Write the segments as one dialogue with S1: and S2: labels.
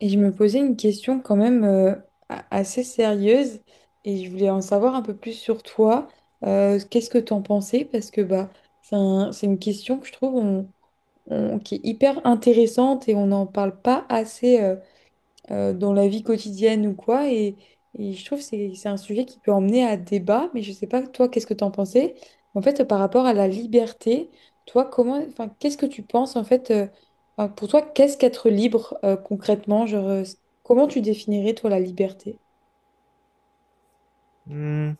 S1: Et je me posais une question quand même assez sérieuse et je voulais en savoir un peu plus sur toi. Qu'est-ce que tu en pensais? Parce que bah, c'est une question que je trouve qui est hyper intéressante et on n'en parle pas assez dans la vie quotidienne ou quoi. Et je trouve que c'est un sujet qui peut emmener à débat, mais je sais pas, toi, qu'est-ce que tu en pensais? En fait, par rapport à la liberté, toi, comment, enfin, qu'est-ce que tu penses, en fait, enfin, pour toi, qu'est-ce qu'être libre concrètement? Genre, comment tu définirais, toi, la liberté?
S2: Hmm,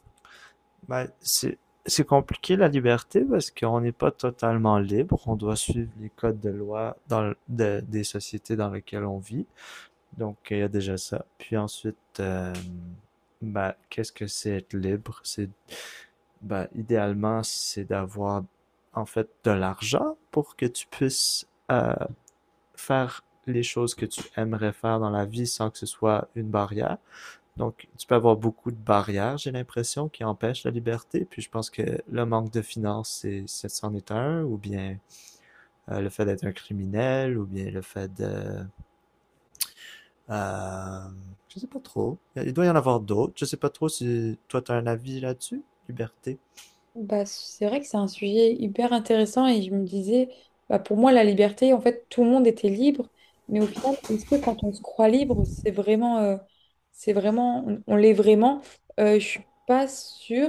S2: ben, c'est compliqué la liberté parce qu'on n'est pas totalement libre. On doit suivre les codes de loi dans des sociétés dans lesquelles on vit. Donc, il y a déjà ça. Puis ensuite, ben, qu'est-ce que c'est être libre? C'est, ben, idéalement, c'est d'avoir en fait de l'argent pour que tu puisses faire les choses que tu aimerais faire dans la vie sans que ce soit une barrière. Donc, tu peux avoir beaucoup de barrières, j'ai l'impression, qui empêchent la liberté. Puis je pense que le manque de finances, c'en est un, ou bien le fait d'être un criminel, ou bien le fait de... Euh, je sais pas trop. Il doit y en avoir d'autres. Je sais pas trop si toi, t'as un avis là-dessus, liberté.
S1: Bah, c'est vrai que c'est un sujet hyper intéressant et je me disais, bah, pour moi, la liberté, en fait, tout le monde était libre, mais au final, est-ce que quand on se croit libre, c'est vraiment, on l'est vraiment? Je suis pas sûre.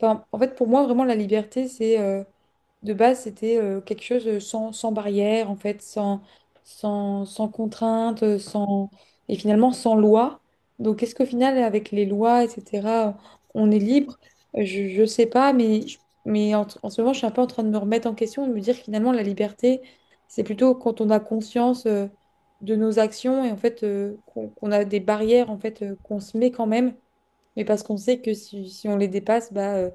S1: Enfin, en fait, pour moi, vraiment, la liberté, c'est de base, c'était quelque chose sans barrière, en fait, sans contrainte, sans, et finalement sans loi. Donc, est-ce qu'au final, avec les lois, etc., on est libre? Je sais pas, mais en ce moment, je suis un peu en train de me remettre en question et de me dire finalement, la liberté, c'est plutôt quand on a conscience de nos actions et en fait qu'on a des barrières en fait qu'on se met quand même, mais parce qu'on sait que si on les dépasse, bah,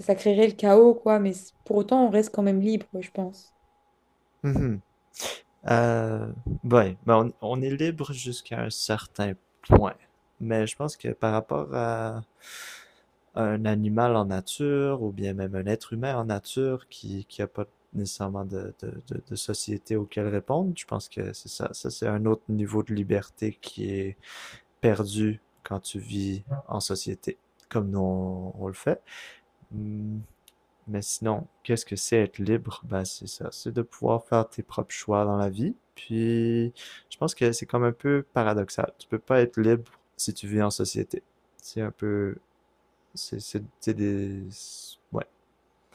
S1: ça créerait le chaos, quoi. Mais pour autant, on reste quand même libre, je pense.
S2: Mhm. Euh, ouais, ben, on est libre jusqu'à un certain point. Mais je pense que par rapport à un animal en nature, ou bien même un être humain en nature qui a pas nécessairement de société auquel répondre, je pense que c'est ça. Ça, c'est un autre niveau de liberté qui est perdu quand tu vis en société, comme nous on le fait. Hum, mais sinon, qu'est-ce que c'est être libre? Ben, c'est ça, c'est de pouvoir faire tes propres choix dans la vie. Puis, je pense que c'est comme un peu paradoxal. Tu peux pas être libre si tu vis en société. C'est un peu, c'est des, ouais,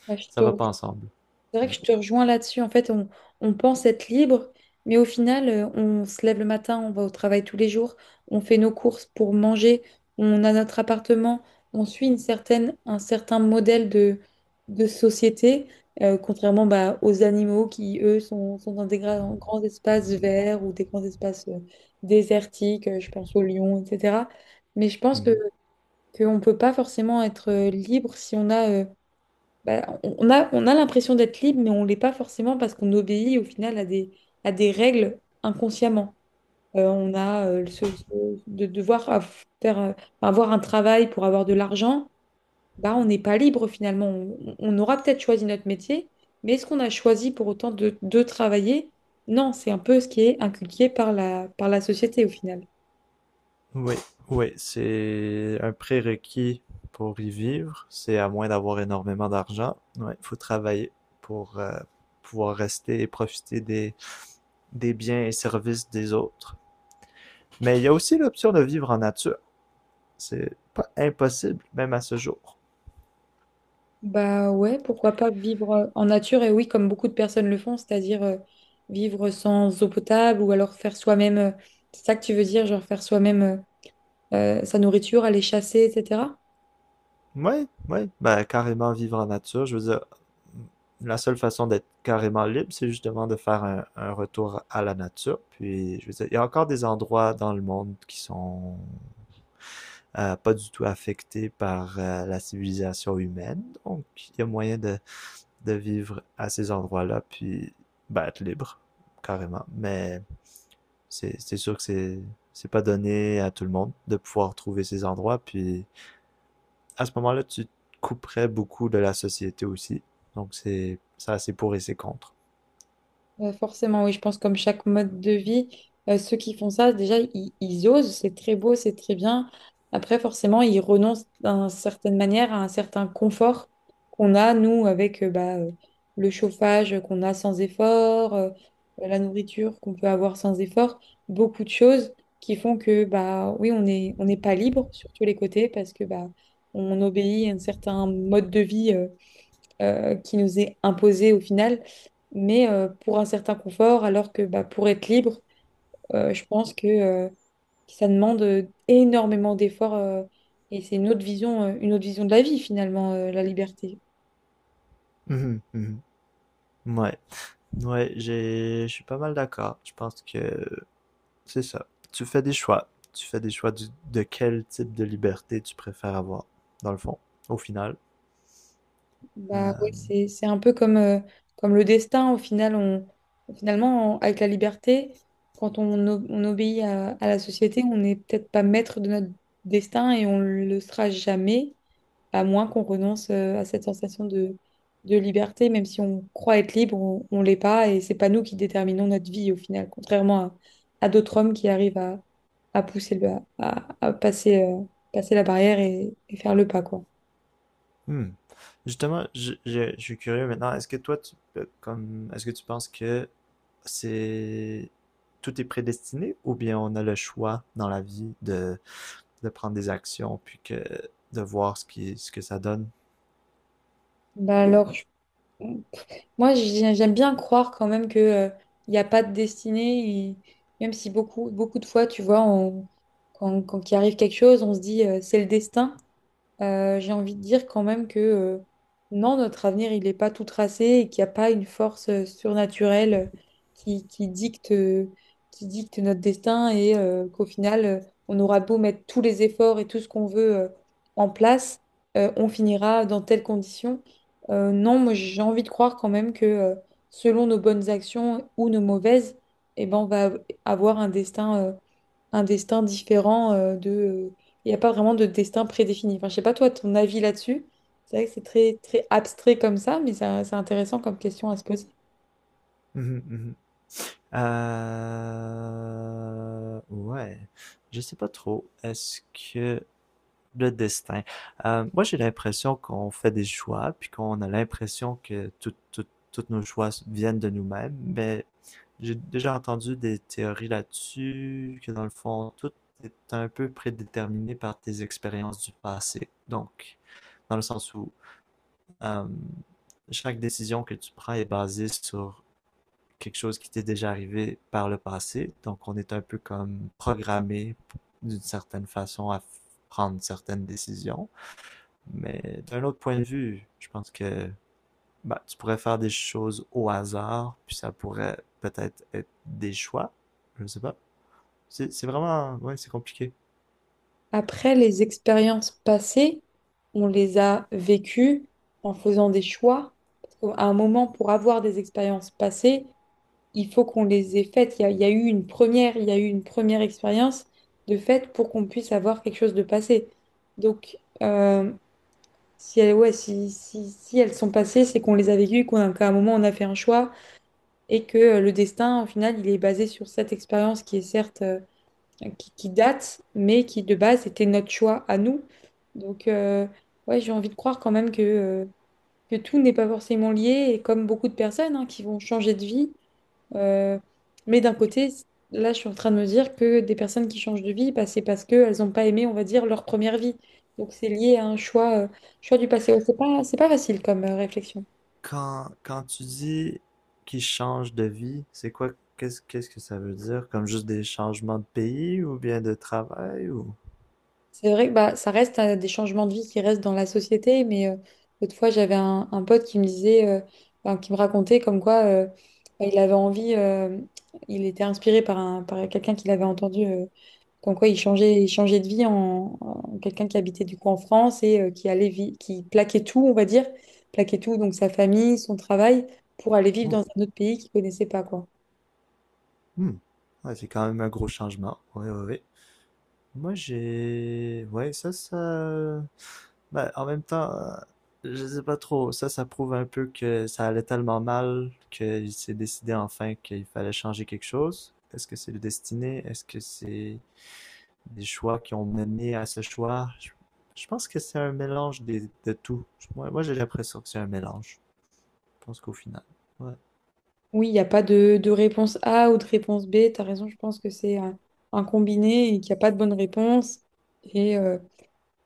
S1: Ah, Je
S2: ça
S1: te
S2: va pas ensemble.
S1: C'est vrai que
S2: Ouais.
S1: je te rejoins là-dessus. En fait, on pense être libre, mais au final, on se lève le matin, on va au travail tous les jours, on fait nos courses pour manger, on a notre appartement, on suit un certain modèle de société, contrairement bah, aux animaux qui, eux, sont dans des grands espaces verts ou des grands espaces désertiques, je pense aux lions, etc. Mais je pense que
S2: Mhm.
S1: qu'on ne peut pas forcément être libre si on a... bah, on a l'impression d'être libre, mais on l'est pas forcément parce qu'on obéit au final à des règles inconsciemment. On a de faire, avoir un travail pour avoir de l'argent, bah, on n'est pas libre finalement. On aura peut-être choisi notre métier, mais est-ce qu'on a choisi pour autant de travailler? Non, c'est un peu ce qui est inculqué par par la société au final.
S2: Oui, oui, c'est un prérequis pour y vivre. C'est à moins d'avoir énormément d'argent. Ouais, faut travailler pour pouvoir rester et profiter des biens et services des autres. Mais il y a aussi l'option de vivre en nature. C'est pas impossible, même à ce jour.
S1: Bah ouais, pourquoi pas vivre en nature et oui, comme beaucoup de personnes le font, c'est-à-dire vivre sans eau potable ou alors faire soi-même, c'est ça que tu veux dire, genre faire soi-même sa nourriture, aller chasser, etc.
S2: Oui, oui, ben, carrément vivre en nature. Je veux dire, la seule façon d'être carrément libre, c'est justement de faire un retour à la nature. Puis, je veux dire, il y a encore des endroits dans le monde qui sont pas du tout affectés par la civilisation humaine. Donc, il y a moyen de vivre à ces endroits-là, puis ben, être libre, carrément. Mais c'est sûr que c'est pas donné à tout le monde de pouvoir trouver ces endroits. Puis à ce moment-là, tu te couperais beaucoup de la société aussi. Donc c'est ça, c'est pour et c'est contre.
S1: Forcément, oui, je pense comme chaque mode de vie, ceux qui font ça, déjà, ils osent, c'est très beau, c'est très bien. Après, forcément, ils renoncent d'une certaine manière à un certain confort qu'on a, nous, avec le chauffage qu'on a sans effort, la nourriture qu'on peut avoir sans effort, beaucoup de choses qui font que, bah, oui, on n'est pas libre sur tous les côtés parce que bah, on obéit à un certain mode de vie qui nous est imposée au final, mais pour un certain confort, alors que bah, pour être libre, je pense que ça demande énormément d'efforts et c'est une autre vision de la vie finalement, la liberté.
S2: Mhm, mhm. Ouais, ouais, je suis pas mal d'accord. Je pense que c'est ça. Tu fais des choix. Tu fais des choix de quel type de liberté tu préfères avoir, dans le fond, au final.
S1: Bah,
S2: Euh,
S1: ouais, c'est un peu comme, comme le destin, au final, finalement, avec la liberté, quand on obéit à la société, on n'est peut-être pas maître de notre destin et on le sera jamais. À moins qu'on renonce à cette sensation de liberté, même si on croit être libre, on l'est pas, et c'est pas nous qui déterminons notre vie au final, contrairement à d'autres hommes qui arrivent à pousser à passer, passer la barrière et faire le pas, quoi.
S2: Hmm. Justement, je suis curieux maintenant. Est-ce que toi, comme, est-ce que tu penses que c'est tout est prédestiné ou bien on a le choix dans la vie de prendre des actions puis que de voir ce ce que ça donne?
S1: Bah alors, j'aime bien croire quand même que il n'y a pas de destinée, et même si beaucoup de fois, tu vois, quand il arrive quelque chose, on se dit c'est le destin. J'ai envie de dire quand même que non, notre avenir, il n'est pas tout tracé et qu'il n'y a pas une force surnaturelle qui, qui dicte, euh, qui dicte notre destin et qu'au final, on aura beau mettre tous les efforts et tout ce qu'on veut en place, on finira dans telles conditions. Non, moi, j'ai envie de croire quand même que selon nos bonnes actions ou nos mauvaises, eh ben, on va avoir un destin. Un destin différent il n'y a pas vraiment de destin prédéfini. Enfin, je sais pas toi, ton avis là-dessus. C'est vrai que c'est très, très abstrait comme ça, mais c'est intéressant comme question à se poser.
S2: Mhm, mhm. Ouais, je sais pas trop. Est-ce que le destin. Moi, j'ai l'impression qu'on fait des choix, puis qu'on a l'impression que tous nos choix viennent de nous-mêmes, mais j'ai déjà entendu des théories là-dessus, que dans le fond, tout est un peu prédéterminé par tes expériences du passé. Donc, dans le sens où euh, chaque décision que tu prends est basée sur quelque chose qui t'est déjà arrivé par le passé. Donc, on est un peu comme programmé d'une certaine façon à prendre certaines décisions. Mais d'un autre point de vue, je pense que bah, tu pourrais faire des choses au hasard, puis ça pourrait peut-être être des choix. Je ne sais pas. C'est vraiment... Ouais, c'est compliqué.
S1: Après, les expériences passées, on les a vécues en faisant des choix. Parce qu'à un moment, pour avoir des expériences passées, il faut qu'on les ait faites. Il y a eu une première, il y a eu une première expérience de fait pour qu'on puisse avoir quelque chose de passé. Donc, euh, si si elles sont passées, c'est qu'on les a vécues, qu'à un moment on a fait un choix et que le destin, au final, il est basé sur cette expérience qui est certes, qui date, mais qui de base était notre choix à nous. Donc, ouais, j'ai envie de croire quand même que tout n'est pas forcément lié et comme beaucoup de personnes hein, qui vont changer de vie, euh, mais d'un côté, là, je suis en train de me dire que des personnes qui changent de vie, bah, c'est parce qu'elles n'ont pas aimé, on va dire, leur première vie. Donc c'est lié à un choix, choix du passé. Ouais, c'est pas facile comme réflexion.
S2: Quand tu dis qu'ils changent de vie, c'est quoi... Qu'est-ce que ça veut dire? Comme juste des changements de pays ou bien de travail ou...
S1: C'est vrai que bah, ça reste des changements de vie qui restent dans la société, mais l'autre fois, j'avais un pote qui me disait, enfin, qui me racontait comme quoi bah, il avait envie, il était inspiré par, par quelqu'un qu'il avait entendu, comme quoi il changeait de vie en quelqu'un qui habitait du coup en France et qui qui plaquait tout, on va dire, plaquait tout, donc sa famille, son travail, pour aller vivre dans
S2: Oh,
S1: un autre pays qu'il connaissait pas, quoi.
S2: hmm. Ouais, c'est quand même un gros changement. Oui, oui, oui. Moi, j'ai... Ouais, ça... Bah, en même temps, je sais pas trop. Ça prouve un peu que ça allait tellement mal qu'il s'est décidé enfin qu'il fallait changer quelque chose. Est-ce que c'est le destiné? Est-ce que c'est des choix qui ont mené à ce choix? Je pense que c'est un mélange de tout. Moi j'ai l'impression que c'est un mélange. Je pense qu'au final. Ouais.
S1: Oui, il n'y a pas de, de réponse A ou de réponse B. Tu as raison, je pense que c'est un combiné et qu'il n'y a pas de bonne réponse. Et, euh,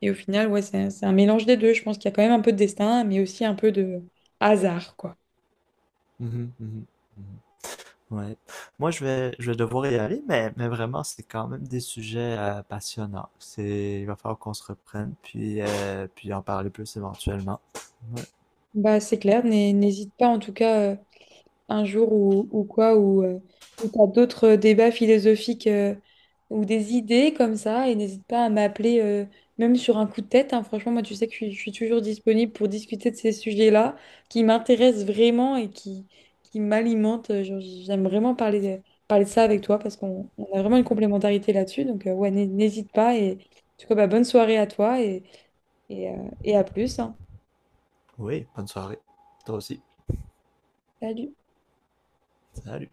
S1: et au final, ouais, c'est un mélange des deux. Je pense qu'il y a quand même un peu de destin, mais aussi un peu de hasard, quoi.
S2: Mhm, mhm, mhm. Ouais. Moi, je vais devoir y aller, mais vraiment, c'est quand même des sujets passionnants. C'est, il va falloir qu'on se reprenne, puis, puis en parler plus éventuellement. Ouais.
S1: Bah, c'est clair, n'hésite pas en tout cas. Un jour ou quoi, ou t'as d'autres débats philosophiques ou des idées comme ça, et n'hésite pas à m'appeler, même sur un coup de tête, hein. Franchement, moi, tu sais que je suis toujours disponible pour discuter de ces sujets-là qui m'intéressent vraiment et qui m'alimentent. J'aime vraiment parler de ça avec toi parce qu'on on a vraiment une complémentarité là-dessus. Donc, ouais, n'hésite pas. Et en tout cas, bah, bonne soirée à toi et à plus, hein.
S2: Oui, bonne soirée. Toi aussi.
S1: Salut.
S2: Salut.